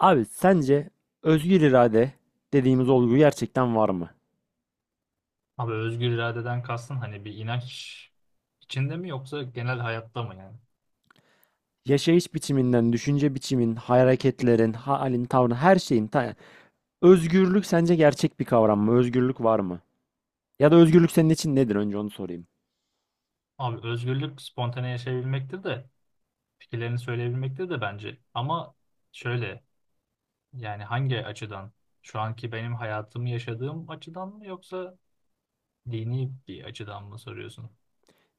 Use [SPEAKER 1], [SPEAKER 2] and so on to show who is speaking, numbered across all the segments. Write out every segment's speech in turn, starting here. [SPEAKER 1] Abi sence özgür irade dediğimiz olgu gerçekten var mı?
[SPEAKER 2] Abi özgür iradeden kastın hani bir inanç içinde mi yoksa genel hayatta mı yani?
[SPEAKER 1] Yaşayış biçiminden, düşünce biçimin, hareketlerin, halin, tavrın, her şeyin. Özgürlük sence gerçek bir kavram mı? Özgürlük var mı? Ya da özgürlük senin için nedir? Önce onu sorayım.
[SPEAKER 2] Abi özgürlük spontane yaşayabilmektir de fikirlerini söyleyebilmektir de bence. Ama şöyle yani hangi açıdan? Şu anki benim hayatımı yaşadığım açıdan mı yoksa dini bir açıdan mı soruyorsun?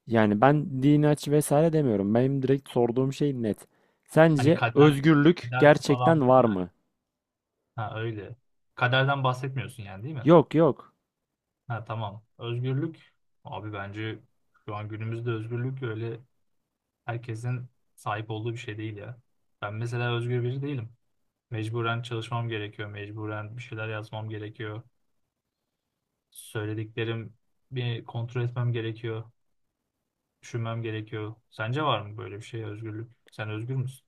[SPEAKER 1] Yani ben dini aç vesaire demiyorum. Benim direkt sorduğum şey net.
[SPEAKER 2] Hani
[SPEAKER 1] Sence
[SPEAKER 2] kader,
[SPEAKER 1] özgürlük
[SPEAKER 2] kader falan mı
[SPEAKER 1] gerçekten var
[SPEAKER 2] yani?
[SPEAKER 1] mı?
[SPEAKER 2] Ha öyle. Kaderden bahsetmiyorsun yani değil mi?
[SPEAKER 1] Yok yok.
[SPEAKER 2] Ha tamam. Özgürlük abi bence şu an günümüzde özgürlük öyle herkesin sahip olduğu bir şey değil ya. Ben mesela özgür biri değilim. Mecburen çalışmam gerekiyor. Mecburen bir şeyler yazmam gerekiyor. Söylediklerim bir kontrol etmem gerekiyor. Düşünmem gerekiyor. Sence var mı böyle bir şey özgürlük? Sen özgür müsün?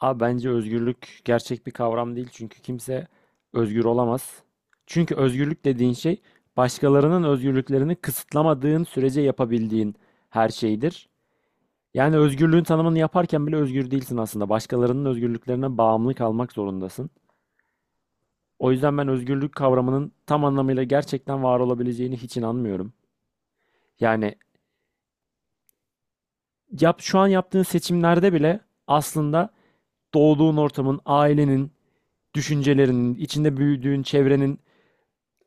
[SPEAKER 1] Abi bence özgürlük gerçek bir kavram değil çünkü kimse özgür olamaz. Çünkü özgürlük dediğin şey başkalarının özgürlüklerini kısıtlamadığın sürece yapabildiğin her şeydir. Yani özgürlüğün tanımını yaparken bile özgür değilsin aslında. Başkalarının özgürlüklerine bağımlı kalmak zorundasın. O yüzden ben özgürlük kavramının tam anlamıyla gerçekten var olabileceğini hiç inanmıyorum. Yani yap şu an yaptığın seçimlerde bile aslında doğduğun ortamın, ailenin, düşüncelerinin, içinde büyüdüğün çevrenin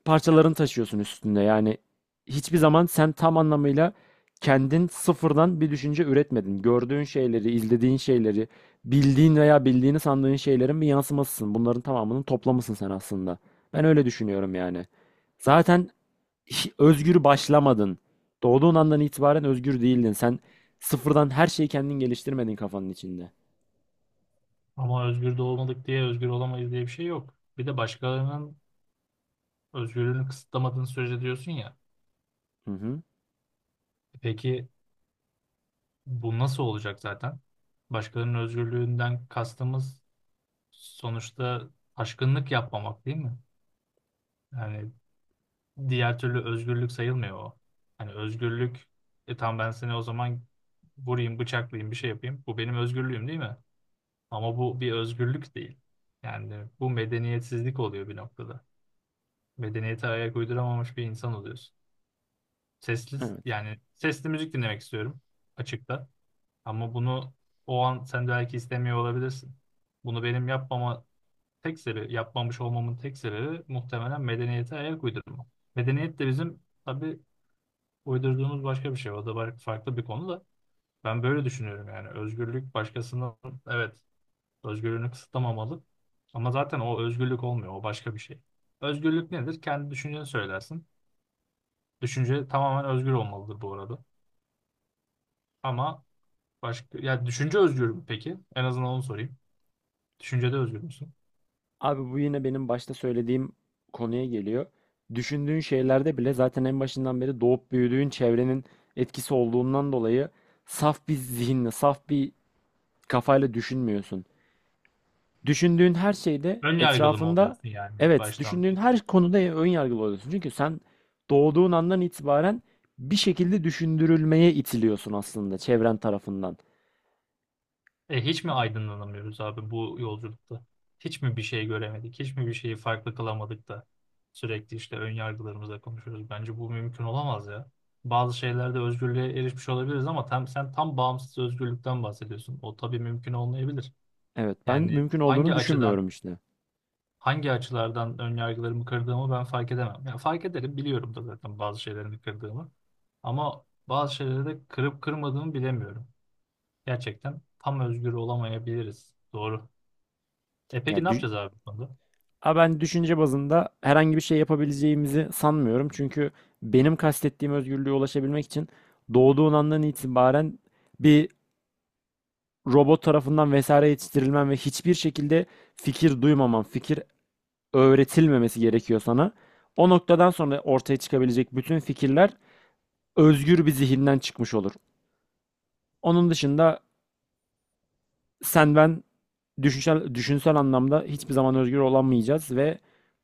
[SPEAKER 1] parçalarını taşıyorsun üstünde. Yani hiçbir zaman sen tam anlamıyla kendin sıfırdan bir düşünce üretmedin. Gördüğün şeyleri, izlediğin şeyleri, bildiğin veya bildiğini sandığın şeylerin bir yansımasısın. Bunların tamamının toplamısın sen aslında. Ben öyle düşünüyorum yani. Zaten özgür başlamadın. Doğduğun andan itibaren özgür değildin. Sen sıfırdan her şeyi kendin geliştirmedin kafanın içinde.
[SPEAKER 2] Ama özgür de olmadık diye özgür olamayız diye bir şey yok. Bir de başkalarının özgürlüğünü kısıtlamadığın sürece diyorsun ya.
[SPEAKER 1] Hı hı.
[SPEAKER 2] E peki, bu nasıl olacak zaten? Başkalarının özgürlüğünden kastımız sonuçta aşkınlık yapmamak değil mi? Yani diğer türlü özgürlük sayılmıyor o. Hani özgürlük, e tamam, ben seni o zaman vurayım, bıçaklayayım, bir şey yapayım. Bu benim özgürlüğüm değil mi? Ama bu bir özgürlük değil. Yani bu medeniyetsizlik oluyor bir noktada. Medeniyete ayak uyduramamış bir insan oluyorsun. Sesli,
[SPEAKER 1] Evet.
[SPEAKER 2] yani sesli müzik dinlemek istiyorum açıkta. Ama bunu o an sen belki istemiyor olabilirsin. Bunu benim yapmama tek sebebi, yapmamış olmamın tek sebebi muhtemelen medeniyete ayak uydurma. Medeniyet de bizim tabii uydurduğumuz başka bir şey. O da farklı bir konu da. Ben böyle düşünüyorum yani. Özgürlük başkasının, evet, özgürlüğünü kısıtlamamalı. Ama zaten o özgürlük olmuyor. O başka bir şey. Özgürlük nedir? Kendi düşünceni söylersin. Düşünce tamamen özgür olmalıdır bu arada. Ama başka ya düşünce özgür mü peki? En azından onu sorayım. Düşüncede özgür müsün?
[SPEAKER 1] Abi bu yine benim başta söylediğim konuya geliyor. Düşündüğün şeylerde bile zaten en başından beri doğup büyüdüğün çevrenin etkisi olduğundan dolayı saf bir zihinle, saf bir kafayla düşünmüyorsun. Düşündüğün her şeyde
[SPEAKER 2] Ön yargılı mı
[SPEAKER 1] etrafında
[SPEAKER 2] oluyorsun yani
[SPEAKER 1] evet,
[SPEAKER 2] baştan?
[SPEAKER 1] düşündüğün her konuda ön yargılı oluyorsun. Çünkü sen doğduğun andan itibaren bir şekilde düşündürülmeye itiliyorsun aslında çevren tarafından.
[SPEAKER 2] E, hiç mi aydınlanamıyoruz abi bu yolculukta? Hiç mi bir şey göremedik? Hiç mi bir şeyi farklı kılamadık da sürekli işte ön yargılarımızla konuşuyoruz? Bence bu mümkün olamaz ya. Bazı şeylerde özgürlüğe erişmiş olabiliriz ama tam, sen tam bağımsız özgürlükten bahsediyorsun. O tabii mümkün olmayabilir.
[SPEAKER 1] Evet, ben
[SPEAKER 2] Yani
[SPEAKER 1] mümkün
[SPEAKER 2] hangi
[SPEAKER 1] olduğunu
[SPEAKER 2] açıdan,
[SPEAKER 1] düşünmüyorum işte.
[SPEAKER 2] hangi açılardan ön yargılarımı kırdığımı ben fark edemem. Yani fark ederim, biliyorum da zaten bazı şeylerini kırdığımı. Ama bazı şeyleri de kırıp kırmadığımı bilemiyorum. Gerçekten tam özgür olamayabiliriz. Doğru. E
[SPEAKER 1] Ya
[SPEAKER 2] peki ne
[SPEAKER 1] dü-
[SPEAKER 2] yapacağız abi bu konuda?
[SPEAKER 1] Ama ben düşünce bazında herhangi bir şey yapabileceğimizi sanmıyorum. Çünkü benim kastettiğim özgürlüğe ulaşabilmek için doğduğun andan itibaren bir robot tarafından vesaire yetiştirilmen ve hiçbir şekilde fikir duymaman, fikir öğretilmemesi gerekiyor sana. O noktadan sonra ortaya çıkabilecek bütün fikirler özgür bir zihinden çıkmış olur. Onun dışında sen ben düşünsel, düşünsel anlamda hiçbir zaman özgür olamayacağız ve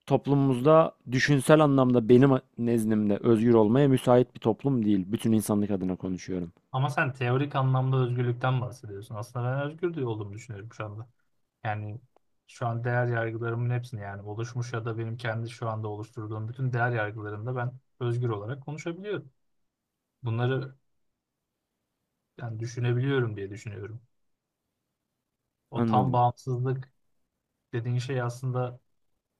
[SPEAKER 1] toplumumuzda düşünsel anlamda benim nezdimde özgür olmaya müsait bir toplum değil. Bütün insanlık adına konuşuyorum.
[SPEAKER 2] Ama sen teorik anlamda özgürlükten bahsediyorsun. Aslında ben özgür de olduğumu düşünüyorum şu anda. Yani şu an değer yargılarımın hepsini, yani oluşmuş ya da benim kendi şu anda oluşturduğum bütün değer yargılarımda ben özgür olarak konuşabiliyorum. Bunları yani düşünebiliyorum diye düşünüyorum. O tam
[SPEAKER 1] Anladım.
[SPEAKER 2] bağımsızlık dediğin şey aslında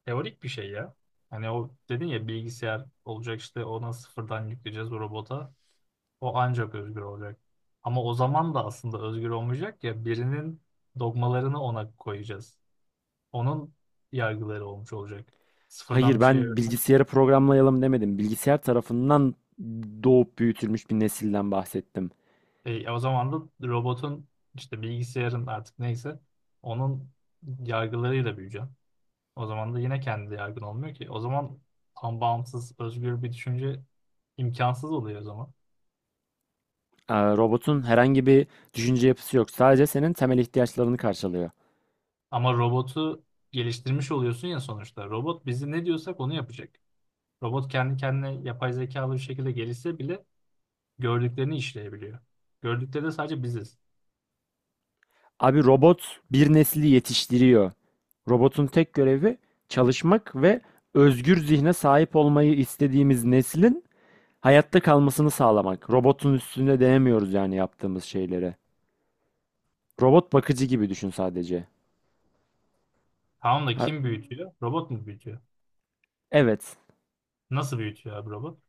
[SPEAKER 2] teorik bir şey ya. Hani o dedin ya bilgisayar olacak işte ona sıfırdan yükleyeceğiz o robota. O ancak özgür olacak. Ama o zaman da aslında özgür olmayacak ya, birinin dogmalarını ona koyacağız. Onun yargıları olmuş olacak.
[SPEAKER 1] Hayır
[SPEAKER 2] Sıfırdan bir şey
[SPEAKER 1] ben
[SPEAKER 2] öğren.
[SPEAKER 1] bilgisayarı programlayalım demedim. Bilgisayar tarafından doğup büyütülmüş bir nesilden bahsettim.
[SPEAKER 2] E, o zaman da robotun işte bilgisayarın artık neyse onun yargılarıyla büyüyeceğim. O zaman da yine kendi yargın olmuyor ki. O zaman tam bağımsız, özgür bir düşünce imkansız oluyor o zaman.
[SPEAKER 1] Robotun herhangi bir düşünce yapısı yok. Sadece senin temel ihtiyaçlarını karşılıyor.
[SPEAKER 2] Ama robotu geliştirmiş oluyorsun ya sonuçta. Robot bizi ne diyorsak onu yapacak. Robot kendi kendine yapay zekalı bir şekilde gelişse bile gördüklerini işleyebiliyor. Gördükleri de sadece biziz.
[SPEAKER 1] Abi robot bir nesli yetiştiriyor. Robotun tek görevi çalışmak ve özgür zihne sahip olmayı istediğimiz neslin hayatta kalmasını sağlamak. Robotun üstüne denemiyoruz yani yaptığımız şeylere. Robot bakıcı gibi düşün sadece.
[SPEAKER 2] Tamam da
[SPEAKER 1] Ha-
[SPEAKER 2] kim büyütüyor? Robot mu büyütüyor?
[SPEAKER 1] evet.
[SPEAKER 2] Nasıl büyütüyor abi robot?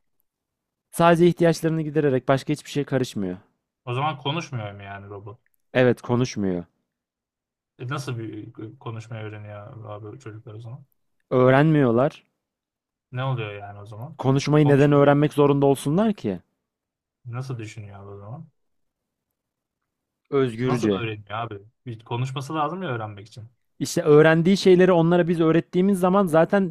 [SPEAKER 1] Sadece ihtiyaçlarını gidererek başka hiçbir şey karışmıyor.
[SPEAKER 2] O zaman konuşmuyor mu yani robot?
[SPEAKER 1] Evet, konuşmuyor.
[SPEAKER 2] E nasıl bir konuşmayı öğreniyor abi çocuklar o zaman?
[SPEAKER 1] Öğrenmiyorlar.
[SPEAKER 2] Ne oluyor yani o zaman?
[SPEAKER 1] Konuşmayı neden
[SPEAKER 2] Konuşmuyor.
[SPEAKER 1] öğrenmek zorunda olsunlar ki?
[SPEAKER 2] Nasıl düşünüyor abi o zaman? Nasıl
[SPEAKER 1] Özgürce.
[SPEAKER 2] öğreniyor abi? Bir konuşması lazım ya öğrenmek için.
[SPEAKER 1] İşte öğrendiği şeyleri onlara biz öğrettiğimiz zaman zaten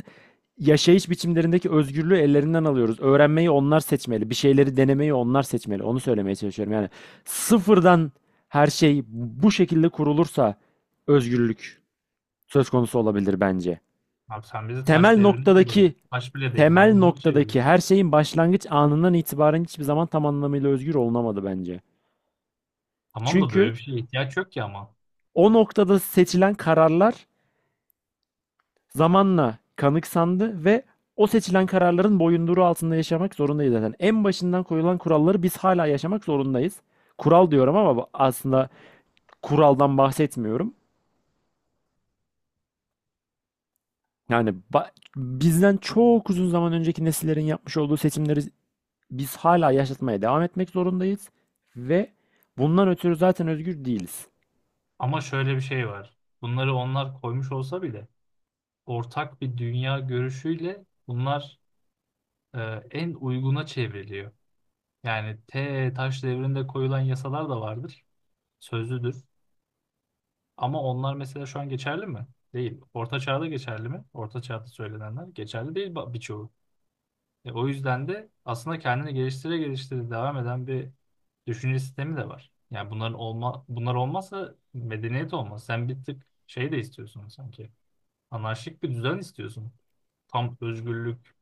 [SPEAKER 1] yaşayış biçimlerindeki özgürlüğü ellerinden alıyoruz. Öğrenmeyi onlar seçmeli. Bir şeyleri denemeyi onlar seçmeli. Onu söylemeye çalışıyorum. Yani sıfırdan her şey bu şekilde kurulursa özgürlük söz konusu olabilir bence.
[SPEAKER 2] Abi sen bizi
[SPEAKER 1] Temel
[SPEAKER 2] taş devrinde yolladın.
[SPEAKER 1] noktadaki
[SPEAKER 2] Taş bile değil,
[SPEAKER 1] temel
[SPEAKER 2] maymuna çevirdin.
[SPEAKER 1] noktadaki her şeyin başlangıç anından itibaren hiçbir zaman tam anlamıyla özgür olunamadı bence.
[SPEAKER 2] Tamam da böyle
[SPEAKER 1] Çünkü
[SPEAKER 2] bir şeye ihtiyaç yok ki ama.
[SPEAKER 1] o noktada seçilen kararlar zamanla kanıksandı ve o seçilen kararların boyunduruğu altında yaşamak zorundayız zaten. En başından koyulan kuralları biz hala yaşamak zorundayız. Kural diyorum ama aslında kuraldan bahsetmiyorum. Yani bizden çok uzun zaman önceki nesillerin yapmış olduğu seçimleri biz hala yaşatmaya devam etmek zorundayız ve bundan ötürü zaten özgür değiliz.
[SPEAKER 2] Ama şöyle bir şey var. Bunları onlar koymuş olsa bile ortak bir dünya görüşüyle bunlar, e, en uyguna çevriliyor. Yani taş devrinde koyulan yasalar da vardır. Sözlüdür. Ama onlar mesela şu an geçerli mi? Değil. Orta çağda geçerli mi? Orta çağda söylenenler geçerli değil, birçoğu. E, o yüzden de aslında kendini geliştire geliştire devam eden bir düşünce sistemi de var. Yani bunlar olmazsa medeniyet olmaz. Sen bir tık şey de istiyorsun sanki. Anarşik bir düzen istiyorsun. Tam özgürlük.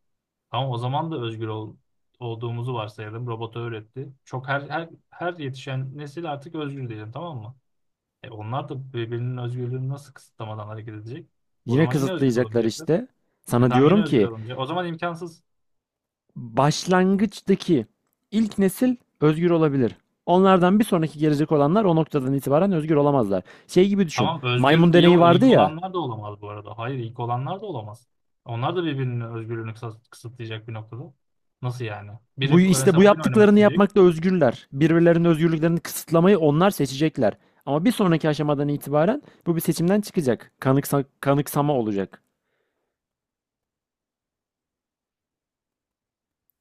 [SPEAKER 2] Tamam o zaman da olduğumuzu varsayalım. Robota öğretti. Çok her yetişen nesil artık özgür diyelim, tamam mı? E onlar da birbirinin özgürlüğünü nasıl kısıtlamadan hareket edecek? O
[SPEAKER 1] Yine
[SPEAKER 2] zaman yine özgür
[SPEAKER 1] kısıtlayacaklar
[SPEAKER 2] olamayacaklar.
[SPEAKER 1] işte.
[SPEAKER 2] E
[SPEAKER 1] Sana
[SPEAKER 2] tamam, yine
[SPEAKER 1] diyorum
[SPEAKER 2] özgür
[SPEAKER 1] ki
[SPEAKER 2] olamayacak. O zaman imkansız.
[SPEAKER 1] başlangıçtaki ilk nesil özgür olabilir. Onlardan bir sonraki gelecek olanlar o noktadan itibaren özgür olamazlar. Şey gibi düşün.
[SPEAKER 2] Tamam özgür
[SPEAKER 1] Maymun
[SPEAKER 2] iyi
[SPEAKER 1] deneyi
[SPEAKER 2] o
[SPEAKER 1] vardı
[SPEAKER 2] ilk
[SPEAKER 1] ya.
[SPEAKER 2] olanlar da olamaz bu arada. Hayır, ilk olanlar da olamaz. Onlar da birbirinin özgürlüğünü kısıtlayacak bir noktada. Nasıl yani? Biri
[SPEAKER 1] Bu işte
[SPEAKER 2] mesela
[SPEAKER 1] bu
[SPEAKER 2] oyun oynamak
[SPEAKER 1] yaptıklarını
[SPEAKER 2] isteyecek.
[SPEAKER 1] yapmakta özgürler. Birbirlerinin özgürlüklerini kısıtlamayı onlar seçecekler. Ama bir sonraki aşamadan itibaren bu bir seçimden çıkacak. Kanıksama olacak.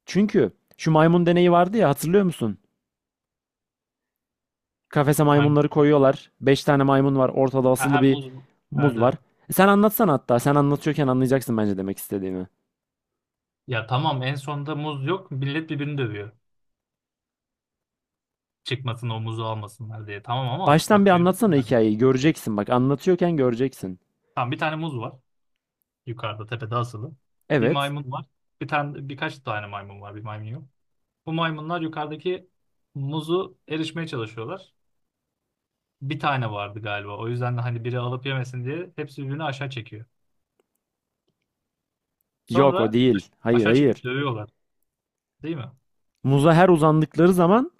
[SPEAKER 1] Çünkü şu maymun deneyi vardı ya, hatırlıyor musun? Kafese
[SPEAKER 2] Hangi?
[SPEAKER 1] maymunları koyuyorlar. 5 tane maymun var. Ortada
[SPEAKER 2] Ha,
[SPEAKER 1] asılı
[SPEAKER 2] ha,
[SPEAKER 1] bir
[SPEAKER 2] muz. Evet,
[SPEAKER 1] muz var.
[SPEAKER 2] evet.
[SPEAKER 1] E sen anlatsana hatta. Sen anlatıyorken anlayacaksın bence demek istediğimi.
[SPEAKER 2] Ya tamam, en sonunda muz yok. Millet birbirini dövüyor. Çıkmasın o muzu almasınlar diye. Tamam ama
[SPEAKER 1] Baştan bir
[SPEAKER 2] bak diyorum ki
[SPEAKER 1] anlatsana
[SPEAKER 2] ben.
[SPEAKER 1] hikayeyi. Göreceksin bak. Anlatıyorken göreceksin.
[SPEAKER 2] Tamam, bir tane muz var. Yukarıda tepede asılı. Bir
[SPEAKER 1] Evet.
[SPEAKER 2] maymun var. Birkaç tane maymun var. Bir maymun yok. Bu maymunlar yukarıdaki muzu erişmeye çalışıyorlar. Bir tane vardı galiba. O yüzden de hani biri alıp yemesin diye hepsi birbirini aşağı çekiyor.
[SPEAKER 1] Yok o
[SPEAKER 2] Sonra
[SPEAKER 1] değil. Hayır
[SPEAKER 2] aşağı çekip
[SPEAKER 1] hayır.
[SPEAKER 2] dövüyorlar, değil mi?
[SPEAKER 1] Muza her uzandıkları zaman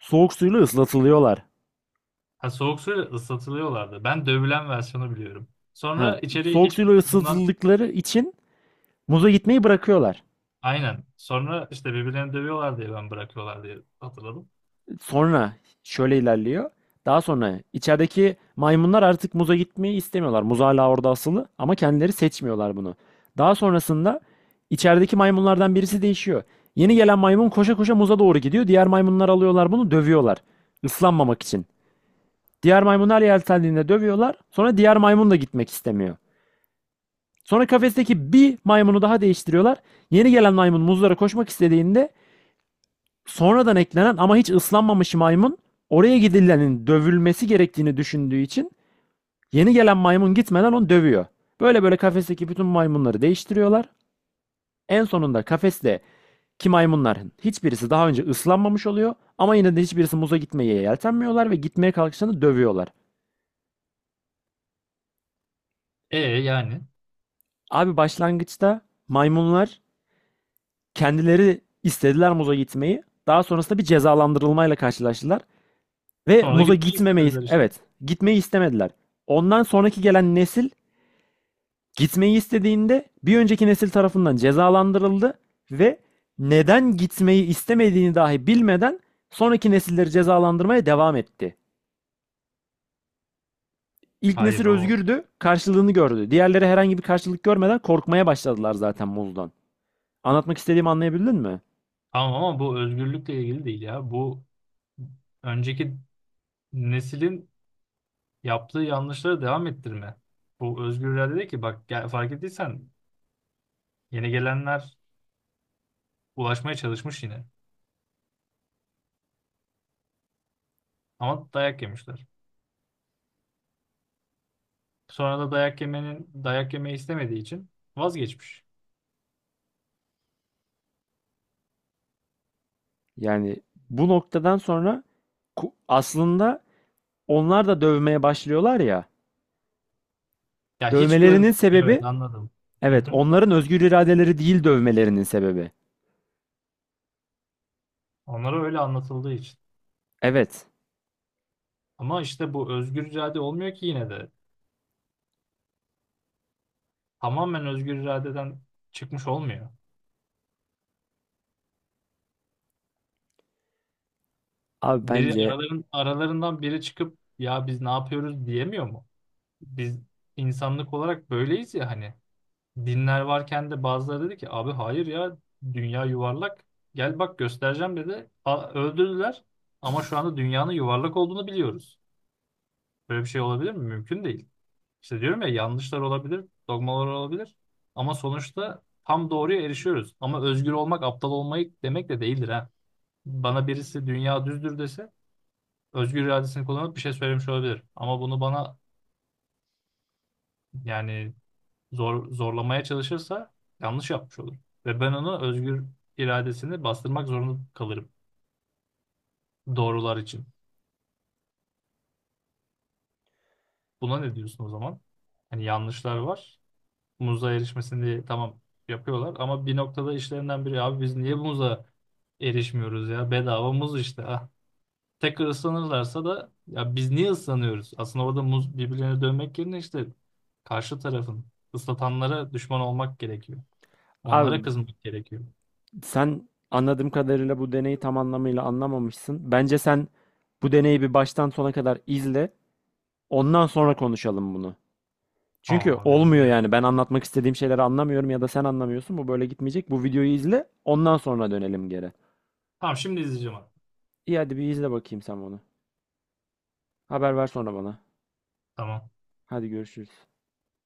[SPEAKER 1] soğuk suyla ıslatılıyorlar.
[SPEAKER 2] Ha, soğuk suyla ıslatılıyorlardı. Ben dövülen versiyonu biliyorum.
[SPEAKER 1] Ha,
[SPEAKER 2] Sonra içeriye
[SPEAKER 1] soğuk
[SPEAKER 2] hiç
[SPEAKER 1] suyla
[SPEAKER 2] bundan.
[SPEAKER 1] ıslatıldıkları için muza gitmeyi bırakıyorlar.
[SPEAKER 2] Aynen. Sonra işte birbirlerini dövüyorlar diye, ben bırakıyorlar diye hatırladım.
[SPEAKER 1] Sonra şöyle ilerliyor. Daha sonra içerideki maymunlar artık muza gitmeyi istemiyorlar. Muz hala orada asılı ama kendileri seçmiyorlar bunu. Daha sonrasında içerideki maymunlardan birisi değişiyor. Yeni gelen maymun koşa koşa muza doğru gidiyor. Diğer maymunlar alıyorlar bunu, dövüyorlar. Islanmamak için. Diğer maymunlar yeltendiğinde dövüyorlar. Sonra diğer maymun da gitmek istemiyor. Sonra kafesteki bir maymunu daha değiştiriyorlar. Yeni gelen maymun muzlara koşmak istediğinde sonradan eklenen ama hiç ıslanmamış maymun oraya gidilenin dövülmesi gerektiğini düşündüğü için yeni gelen maymun gitmeden onu dövüyor. Böyle böyle kafesteki bütün maymunları değiştiriyorlar. En sonunda kafeste ki maymunların hiçbirisi daha önce ıslanmamış oluyor ama yine de hiçbirisi muza gitmeye yeltenmiyorlar ve gitmeye kalkışlarında dövüyorlar.
[SPEAKER 2] E yani.
[SPEAKER 1] Abi başlangıçta maymunlar kendileri istediler muza gitmeyi. Daha sonrasında bir cezalandırılmayla karşılaştılar. Ve
[SPEAKER 2] Sonra da
[SPEAKER 1] muza
[SPEAKER 2] gitmek
[SPEAKER 1] gitmemeyi,
[SPEAKER 2] istemediler işte.
[SPEAKER 1] evet, gitmeyi istemediler. Ondan sonraki gelen nesil gitmeyi istediğinde bir önceki nesil tarafından cezalandırıldı ve neden gitmeyi istemediğini dahi bilmeden sonraki nesilleri cezalandırmaya devam etti. İlk
[SPEAKER 2] Hayır
[SPEAKER 1] nesil
[SPEAKER 2] o.
[SPEAKER 1] özgürdü, karşılığını gördü. Diğerleri herhangi bir karşılık görmeden korkmaya başladılar zaten muzdan. Anlatmak istediğimi anlayabildin mi?
[SPEAKER 2] Tamam ama bu özgürlükle ilgili değil ya. Bu önceki neslin yaptığı yanlışları devam ettirme. Bu özgür irade değil ki. Bak, fark ettiysen yeni gelenler ulaşmaya çalışmış yine. Ama dayak yemişler. Sonra da dayak yemenin dayak yemeyi istemediği için vazgeçmiş.
[SPEAKER 1] Yani bu noktadan sonra aslında onlar da dövmeye başlıyorlar ya.
[SPEAKER 2] Ya hiç
[SPEAKER 1] Dövmelerinin
[SPEAKER 2] görmemiş. Evet,
[SPEAKER 1] sebebi
[SPEAKER 2] anladım. Hı
[SPEAKER 1] evet,
[SPEAKER 2] hı.
[SPEAKER 1] onların özgür iradeleri değil dövmelerinin sebebi.
[SPEAKER 2] Onlara öyle anlatıldığı için.
[SPEAKER 1] Evet.
[SPEAKER 2] Ama işte bu özgür irade olmuyor ki yine de. Tamamen özgür iradeden çıkmış olmuyor.
[SPEAKER 1] Abi bence
[SPEAKER 2] Aralarından biri çıkıp ya biz ne yapıyoruz diyemiyor mu? Biz insanlık olarak böyleyiz ya hani. Dinler varken de bazıları dedi ki abi hayır ya, dünya yuvarlak. Gel bak göstereceğim dedi. Öldürdüler ama şu anda dünyanın yuvarlak olduğunu biliyoruz. Böyle bir şey olabilir mi? Mümkün değil. İşte diyorum ya, yanlışlar olabilir, dogmalar olabilir ama sonuçta tam doğruya erişiyoruz. Ama özgür olmak aptal olmayı demek de değildir ha. Bana birisi dünya düzdür dese özgür iradesini kullanıp bir şey söylemiş olabilir. Ama bunu bana yani zorlamaya çalışırsa yanlış yapmış olur. Ve ben onu özgür iradesini bastırmak zorunda kalırım doğrular için. Buna ne diyorsun o zaman? Hani yanlışlar var. Muza erişmesini diye tamam yapıyorlar ama bir noktada işlerinden biri abi biz niye muza erişmiyoruz ya, bedava muz işte ah. Tekrar ıslanırlarsa da ya biz niye ıslanıyoruz? Aslında orada muz, birbirlerine dönmek yerine işte karşı tarafın, ıslatanlara düşman olmak gerekiyor. Onlara
[SPEAKER 1] Abi
[SPEAKER 2] kızmak gerekiyor.
[SPEAKER 1] sen anladığım kadarıyla bu deneyi tam anlamıyla anlamamışsın. Bence sen bu deneyi bir baştan sona kadar izle. Ondan sonra konuşalım bunu.
[SPEAKER 2] Ha,
[SPEAKER 1] Çünkü
[SPEAKER 2] abi
[SPEAKER 1] olmuyor
[SPEAKER 2] izliyorum.
[SPEAKER 1] yani. Ben anlatmak istediğim şeyleri anlamıyorum ya da sen anlamıyorsun. Bu böyle gitmeyecek. Bu videoyu izle. Ondan sonra dönelim geri.
[SPEAKER 2] Tamam şimdi izleyeceğim abi.
[SPEAKER 1] İyi, hadi bir izle bakayım sen bunu. Haber ver sonra bana.
[SPEAKER 2] Tamam.
[SPEAKER 1] Hadi görüşürüz.